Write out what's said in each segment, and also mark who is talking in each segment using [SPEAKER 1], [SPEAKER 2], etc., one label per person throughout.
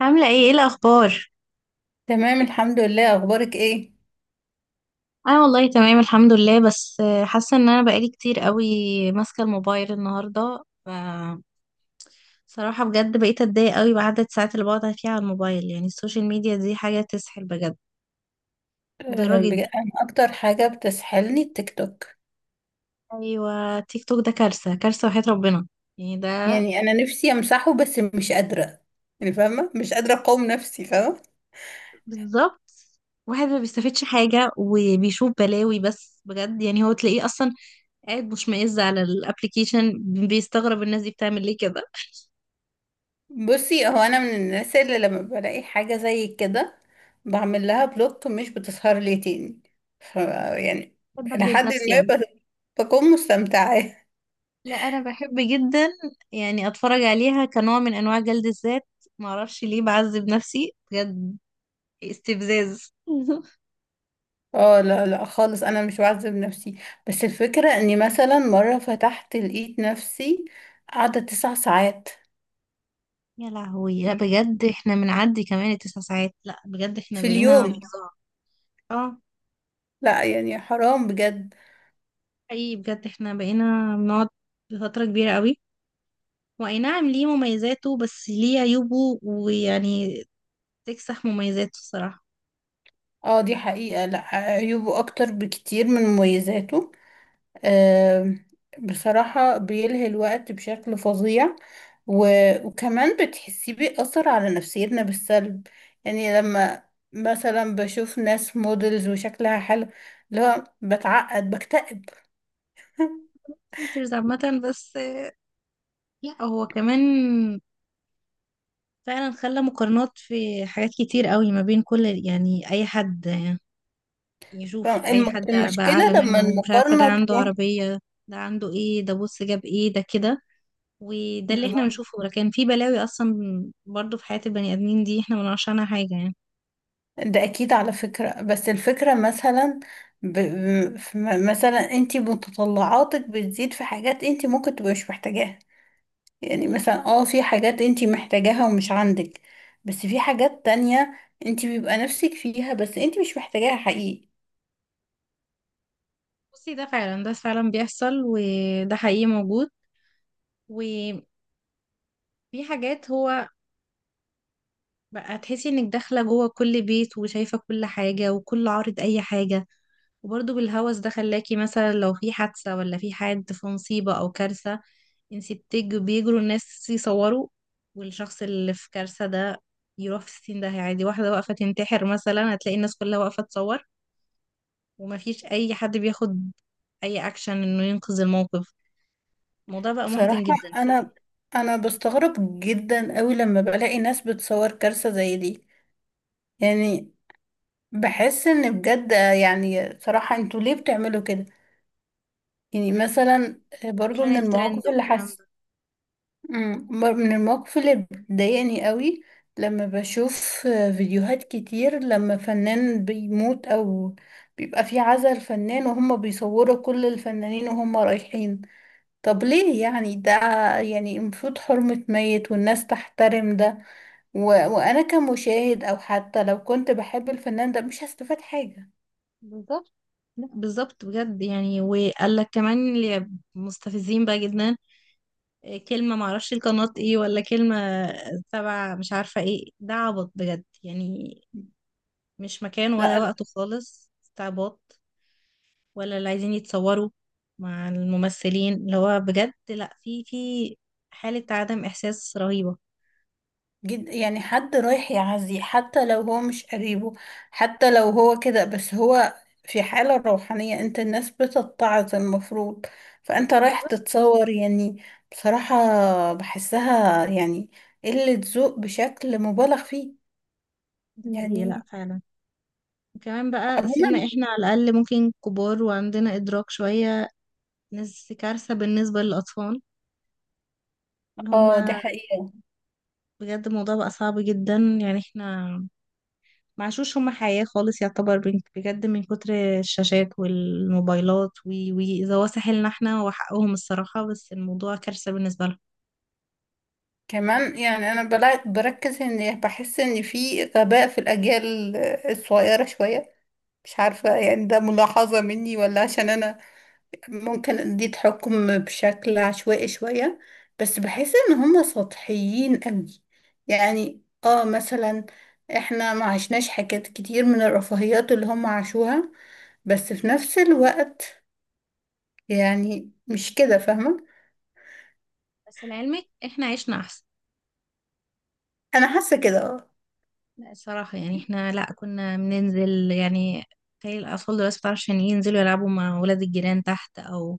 [SPEAKER 1] عاملة ايه الأخبار؟
[SPEAKER 2] تمام، الحمد لله. اخبارك ايه؟
[SPEAKER 1] أنا والله تمام الحمد لله. بس حاسة إن أنا بقالي كتير قوي ماسكة الموبايل النهاردة صراحة بجد بقيت أتضايق قوي بعدد الساعات اللي بقعد فيها على الموبايل. يعني السوشيال ميديا دي حاجة تسحل بجد، مضرة
[SPEAKER 2] أه،
[SPEAKER 1] جدا.
[SPEAKER 2] انا اكتر حاجه بتسحلني التيك توك.
[SPEAKER 1] أيوة، تيك توك ده كارثة كارثة وحياة ربنا. يعني ده
[SPEAKER 2] يعني انا نفسي امسحه، بس مش قادره. يعني فاهمه، مش قادره اقاوم نفسي، فاهمه.
[SPEAKER 1] بالظبط، واحد ما بيستفادش حاجة وبيشوف بلاوي بس. بجد يعني هو تلاقيه أصلا قاعد مشمئز على الابليكيشن، بيستغرب الناس دي بتعمل ليه كده.
[SPEAKER 2] بصي، هو انا من الناس اللي لما بلاقي حاجه زي كده بعمل لها بلوك، مش بتسهر لي تاني. ف يعني
[SPEAKER 1] بحب أجلد
[SPEAKER 2] لحد
[SPEAKER 1] نفسي أوي.
[SPEAKER 2] ما بكون مستمتعه.
[SPEAKER 1] لا انا بحب جدا يعني اتفرج عليها كنوع من انواع جلد الذات. معرفش ليه بعذب نفسي بجد، استفزاز.
[SPEAKER 2] اه، لا لا خالص، انا مش بعذب نفسي. بس الفكره اني مثلا مره فتحت لقيت نفسي قاعده 9 ساعات
[SPEAKER 1] يا لهوي، لا بجد احنا بنعدي كمان التسع ساعات، لا بجد احنا
[SPEAKER 2] في
[SPEAKER 1] بقينا
[SPEAKER 2] اليوم.
[SPEAKER 1] فظاع. اه،
[SPEAKER 2] لا، يعني حرام بجد.
[SPEAKER 1] اي بجد احنا بقينا بنقعد فترة كبيرة قوي. واي نعم، ليه مميزاته بس ليه عيوبه، ويعني تكسح مميزاته الصراحة.
[SPEAKER 2] اه، دي حقيقة. لا، عيوبه اكتر بكتير من مميزاته. آم، بصراحة بيلهي الوقت بشكل فظيع. وكمان بتحسيه بيأثر على نفسيتنا بالسلب. يعني لما مثلا بشوف ناس موديلز وشكلها حلو، اللي هو بتعقد بكتئب.
[SPEAKER 1] فلترز عامة بس. لا هو كمان فعلا خلى مقارنات في حاجات كتير قوي ما بين كل، يعني اي حد يشوف اي حد بقى
[SPEAKER 2] المشكلة
[SPEAKER 1] اعلى
[SPEAKER 2] لما
[SPEAKER 1] منه. مش عارفه ده
[SPEAKER 2] المقارنة
[SPEAKER 1] عنده
[SPEAKER 2] تكون
[SPEAKER 1] عربيه، ده عنده ايه، ده بص جاب ايه ده كده. وده اللي احنا
[SPEAKER 2] بالظبط.
[SPEAKER 1] بنشوفه، لكن في بلاوي اصلا برضو في حياه البني ادمين دي احنا ما نعرفش عنها حاجه يعني.
[SPEAKER 2] ده اكيد على فكرة، بس الفكرة مثلا، ب... ب- ف- مثلا انت متطلعاتك بتزيد في حاجات انت ممكن تبقى مش محتاجاها. يعني
[SPEAKER 1] حقيقي صح.
[SPEAKER 2] مثلا، في حاجات انت محتاجاها ومش عندك. بس في حاجات تانية انت بيبقى نفسك فيها، بس انت مش محتاجاها حقيقي.
[SPEAKER 1] بصي، ده فعلا بيحصل، وده حقيقي موجود. وفي حاجات هو بقى تحسي انك داخلة جوه كل بيت، وشايفة كل حاجة وكل عارض اي حاجة. وبرضه بالهوس ده خلاكي مثلا لو في حادثة، ولا في حد في مصيبة او كارثة، انتي بيجروا الناس يصوروا، والشخص اللي في كارثة ده يروح في السين ده عادي. واحدة واقفة تنتحر مثلا، هتلاقي الناس كلها واقفة تصور، ومفيش اي حد بياخد اي اكشن انه ينقذ الموقف. الموضوع بقى
[SPEAKER 2] بصراحة،
[SPEAKER 1] محزن جدا الصراحة.
[SPEAKER 2] انا انا بستغرب جدا قوي لما بلاقي ناس بتصور كارثة زي دي. يعني بحس ان بجد، يعني صراحة انتوا ليه بتعملوا كده؟ يعني مثلا برضو
[SPEAKER 1] عشان
[SPEAKER 2] من
[SPEAKER 1] الترند
[SPEAKER 2] المواقف اللي
[SPEAKER 1] والكلام
[SPEAKER 2] حسيت،
[SPEAKER 1] ده.
[SPEAKER 2] من المواقف اللي بتضايقني قوي. لما بشوف فيديوهات كتير لما فنان بيموت او بيبقى في عزا الفنان، وهم بيصوروا كل الفنانين وهم رايحين. طب ليه يعني ده؟ يعني المفروض حرمة ميت والناس تحترم ده. وانا كمشاهد او حتى لو كنت بحب الفنان ده مش هستفاد حاجة.
[SPEAKER 1] بالظبط، لا بالظبط بجد يعني، وقال لك كمان اللي مستفزين بقى جدا، إيه كلمة معرفش القناة ايه ولا كلمة تبع مش عارفة ايه. ده عبط بجد يعني، مش مكان ولا
[SPEAKER 2] لا،
[SPEAKER 1] وقته خالص، استعباط. ولا اللي عايزين يتصوروا مع الممثلين، اللي هو بجد لا في حالة عدم إحساس رهيبة.
[SPEAKER 2] جد يعني حد رايح يعزي حتى لو هو مش قريبه. حتى لو هو كده، بس هو في حالة روحانية، انت الناس بتتعظ المفروض. فانت رايح
[SPEAKER 1] بالظبط،
[SPEAKER 2] تتصور، يعني؟ بصراحة بحسها يعني قلة ذوق بشكل مبالغ فيه.
[SPEAKER 1] ده حقيقي لا
[SPEAKER 2] يعني،
[SPEAKER 1] فعلا. وكمان بقى سيبنا
[SPEAKER 2] عموما
[SPEAKER 1] احنا على الأقل ممكن كبار وعندنا إدراك شوية ناس، كارثة بالنسبة للأطفال ان
[SPEAKER 2] اه دي
[SPEAKER 1] هما.
[SPEAKER 2] حقيقة.
[SPEAKER 1] بجد الموضوع بقى صعب جدا يعني. احنا معشوش هما حياة خالص، يعتبر بجد من كتر الشاشات والموبايلات وي إذا هو ساحلنا احنا، وحقهم الصراحة. بس الموضوع كارثة بالنسبة لهم.
[SPEAKER 2] كمان يعني انا بركز ان بحس ان في غباء في الاجيال الصغيرة شوية. مش عارفة، يعني ده ملاحظة مني، ولا عشان انا ممكن دي تحكم بشكل عشوائي شوية. بس بحس ان هم سطحيين قوي. يعني، مثلا احنا ما عشناش حاجات كتير من الرفاهيات اللي هم عاشوها. بس في نفس الوقت، يعني مش كده، فاهمة.
[SPEAKER 1] بس لعلمك احنا عشنا أحسن.
[SPEAKER 2] انا حاسة كده، اه.
[SPEAKER 1] لا الصراحة يعني احنا، لا كنا بننزل يعني. تخيل الأطفال دلوقتي مبتعرفش عشان ينزلوا يلعبوا مع ولاد الجيران تحت، أو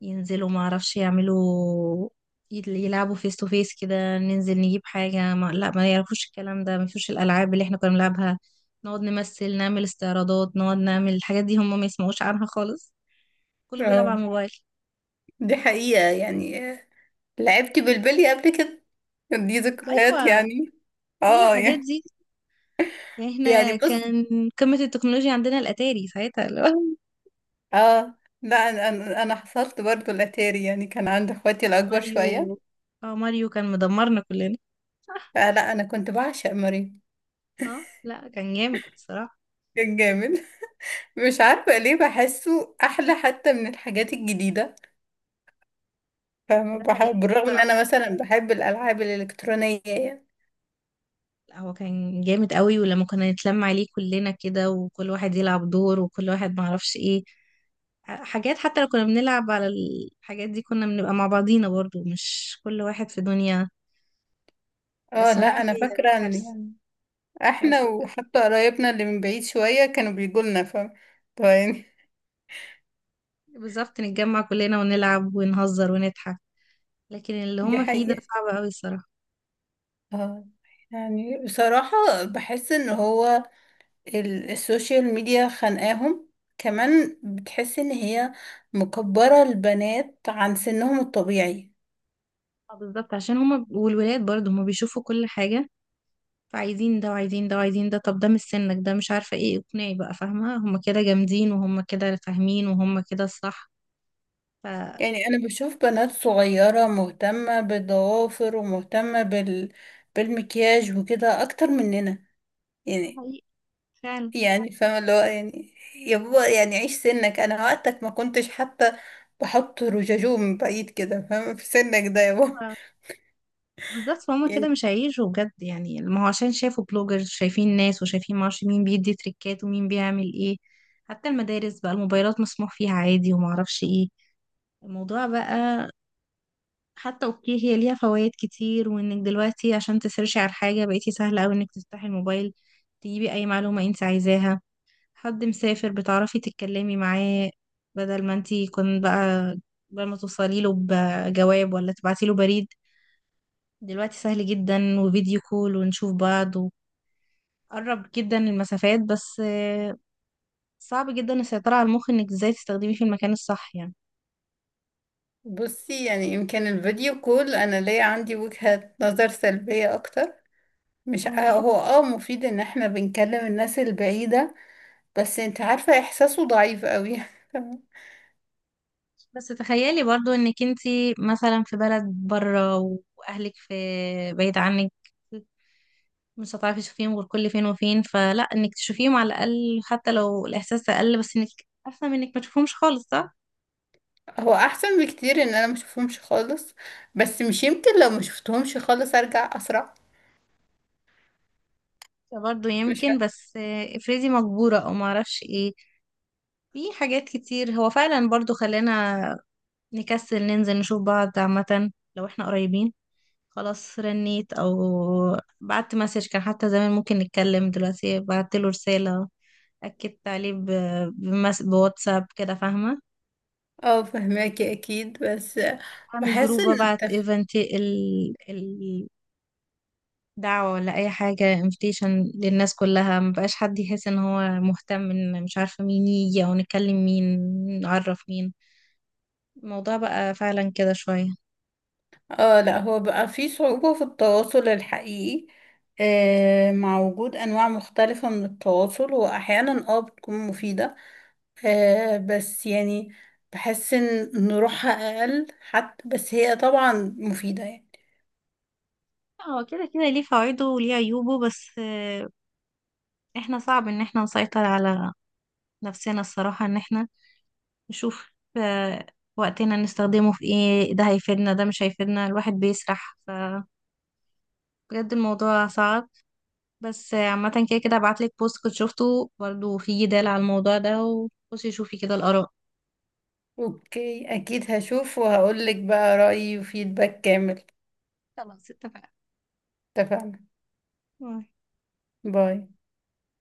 [SPEAKER 1] ينزلوا معرفش يعملوا، يلعبوا فيس تو فيس كده، ننزل نجيب حاجة، ما لا ما يعرفوش الكلام ده. ما فيش الألعاب اللي احنا كنا بنلعبها، نقعد نمثل، نعمل استعراضات، نقعد نعمل الحاجات دي. هم ما يسمعوش عنها خالص، كله بيلعب
[SPEAKER 2] آه،
[SPEAKER 1] على الموبايل.
[SPEAKER 2] دي حقيقة. يعني، لعبت بالبلي قبل كده. دي ذكريات
[SPEAKER 1] أيوة،
[SPEAKER 2] يعني.
[SPEAKER 1] كل
[SPEAKER 2] اه،
[SPEAKER 1] الحاجات
[SPEAKER 2] يعني.
[SPEAKER 1] دي. يعني
[SPEAKER 2] يعني
[SPEAKER 1] احنا
[SPEAKER 2] بص.
[SPEAKER 1] كان قمة التكنولوجيا عندنا الأتاري ساعتها.
[SPEAKER 2] اه، لا، انا انا أنا حصلت برضو الاتاري، يعني كان عند اخواتي الاكبر
[SPEAKER 1] ماريو،
[SPEAKER 2] شوية.
[SPEAKER 1] اه ماريو كان مدمرنا كلنا.
[SPEAKER 2] فلا، انا كنت بعشق ماريو.
[SPEAKER 1] اه لا، كان جامد الصراحة.
[SPEAKER 2] كان جامد. مش عارفه ليه بحسه احلى حتى من الحاجات الجديده. فاهمه،
[SPEAKER 1] ده
[SPEAKER 2] بحب
[SPEAKER 1] حقيقي
[SPEAKER 2] بالرغم ان
[SPEAKER 1] الصراحة.
[SPEAKER 2] انا مثلا بحب الالعاب الالكترونيه يعني.
[SPEAKER 1] لا هو كان جامد قوي، ولما كنا نتلم عليه كلنا كده، وكل واحد يلعب دور، وكل واحد معرفش ايه حاجات. حتى لو كنا بنلعب على الحاجات دي، كنا بنبقى مع بعضينا برضو، مش كل واحد في دنيا. لا،
[SPEAKER 2] اه، لا،
[SPEAKER 1] الصراحة
[SPEAKER 2] انا
[SPEAKER 1] هي
[SPEAKER 2] فاكره ان
[SPEAKER 1] كارثة،
[SPEAKER 2] يعني احنا
[SPEAKER 1] كارثة بجد.
[SPEAKER 2] وحتى قرايبنا اللي من بعيد شويه كانوا بيجوا لنا، فاهمه. طيب، يعني.
[SPEAKER 1] بالظبط، نتجمع كلنا ونلعب ونهزر ونضحك، لكن اللي
[SPEAKER 2] دي
[SPEAKER 1] هما فيه ده
[SPEAKER 2] حقيقه.
[SPEAKER 1] صعب قوي الصراحة.
[SPEAKER 2] اه، يعني بصراحه بحس ان هو السوشيال ميديا خانقاهم. كمان بتحس ان هي مكبره البنات عن سنهم الطبيعي.
[SPEAKER 1] آه بالظبط، عشان هما والولاد برضو هما بيشوفوا كل حاجة، فعايزين ده وعايزين ده وعايزين ده. طب ده مش سنك، ده مش عارفة ايه، اقنعي بقى فاهمة. هما كده جامدين وهما كده فاهمين وهما كده الصح. ف ده
[SPEAKER 2] يعني انا بشوف بنات صغيرة مهتمة بالضوافر ومهتمة بالمكياج وكده اكتر مننا، يعني.
[SPEAKER 1] حقيقي فعلا.
[SPEAKER 2] يعني فاهمة، اللي هو يعني يا بابا يعني عيش سنك، انا وقتك ما كنتش حتى بحط رجاجوم من بعيد كده، فاهمة، في سنك ده يا بابا.
[SPEAKER 1] ف- بالظبط، فهم كده
[SPEAKER 2] يعني
[SPEAKER 1] مش هيعيشوا بجد يعني. ما هو عشان شافوا بلوجرز، شايفين ناس وشايفين معرفش مين بيدي تريكات ومين بيعمل ايه. حتى المدارس بقى الموبايلات مسموح فيها عادي ومعرفش ايه، الموضوع بقى. حتى اوكي، هي ليها فوائد كتير، وانك دلوقتي عشان تسيرشي على حاجة بقيتي سهلة اوي انك تفتحي الموبايل، تجيبي اي معلومة انت عايزاها. حد مسافر بتعرفي تتكلمي معاه، بدل ما انتي كنت بقى، بدل ما توصلي له بجواب ولا تبعتي له بريد، دلوقتي سهل جدا، وفيديو كول ونشوف بعض، وقرب جدا المسافات. بس صعب جدا السيطرة على المخ انك ازاي تستخدميه في المكان الصح
[SPEAKER 2] بصي، يعني يمكن الفيديو كول انا ليا عندي وجهة نظر سلبية اكتر. مش
[SPEAKER 1] يعني.
[SPEAKER 2] هو مفيد ان احنا بنكلم الناس البعيدة، بس انت عارفة احساسه ضعيف قوي.
[SPEAKER 1] بس تخيلي برضو انك انتي مثلا في بلد بره، واهلك في بعيد عنك، مش هتعرفي تشوفيهم غير كل فين وفين. فلا انك تشوفيهم على الاقل، حتى لو الاحساس اقل، بس انك احسن من انك ما تشوفهمش خالص، صح؟
[SPEAKER 2] هو احسن بكتير ان انا ما اشوفهمش خالص. بس مش يمكن لو ما شفتهمش خالص ارجع اسرع؟
[SPEAKER 1] برضه
[SPEAKER 2] مش
[SPEAKER 1] يمكن.
[SPEAKER 2] عارفة.
[SPEAKER 1] بس افرضي مجبورة، او ما اعرفش ايه. في حاجات كتير هو فعلا برضه خلانا نكسل ننزل نشوف بعض عامة. لو احنا قريبين، خلاص رنيت، او بعت مسج. كان حتى زمان ممكن نتكلم، دلوقتي بعت له رسالة، اكدت عليه بواتساب كده فاهمه.
[SPEAKER 2] اه، فهماكي اكيد، بس
[SPEAKER 1] اعمل
[SPEAKER 2] بحس
[SPEAKER 1] جروب
[SPEAKER 2] ان
[SPEAKER 1] وابعت ايفنت، دعوة، ولا اي حاجة، انفيتيشن للناس كلها. مبقاش حد يحس ان هو مهتم ان مش عارفة مين يجي، او نكلم مين، نعرف مين. الموضوع بقى فعلا كده شوية.
[SPEAKER 2] اه، لا، هو بقى في صعوبة في التواصل الحقيقي. مع وجود انواع مختلفة من التواصل، واحيانا بتكون مفيدة. بس يعني بحس ان روحها اقل حتى، بس هي طبعا مفيدة يعني.
[SPEAKER 1] هو كده كده ليه فوائده وليه عيوبه. بس احنا صعب ان احنا نسيطر على نفسنا الصراحة، ان احنا نشوف آه، وقتنا نستخدمه في ايه، ده هيفيدنا ده مش هيفيدنا. الواحد بيسرح بجد، الموضوع صعب. بس عامة كده كده هبعتلك بوست كنت شفته برضو، في جدال على الموضوع ده، وخشي شوفي كده الآراء.
[SPEAKER 2] اوكي، اكيد هشوف وهقولك بقى رأيي وفيدباك كامل.
[SPEAKER 1] خلاص اتفقنا.
[SPEAKER 2] اتفقنا.
[SPEAKER 1] باي.
[SPEAKER 2] باي.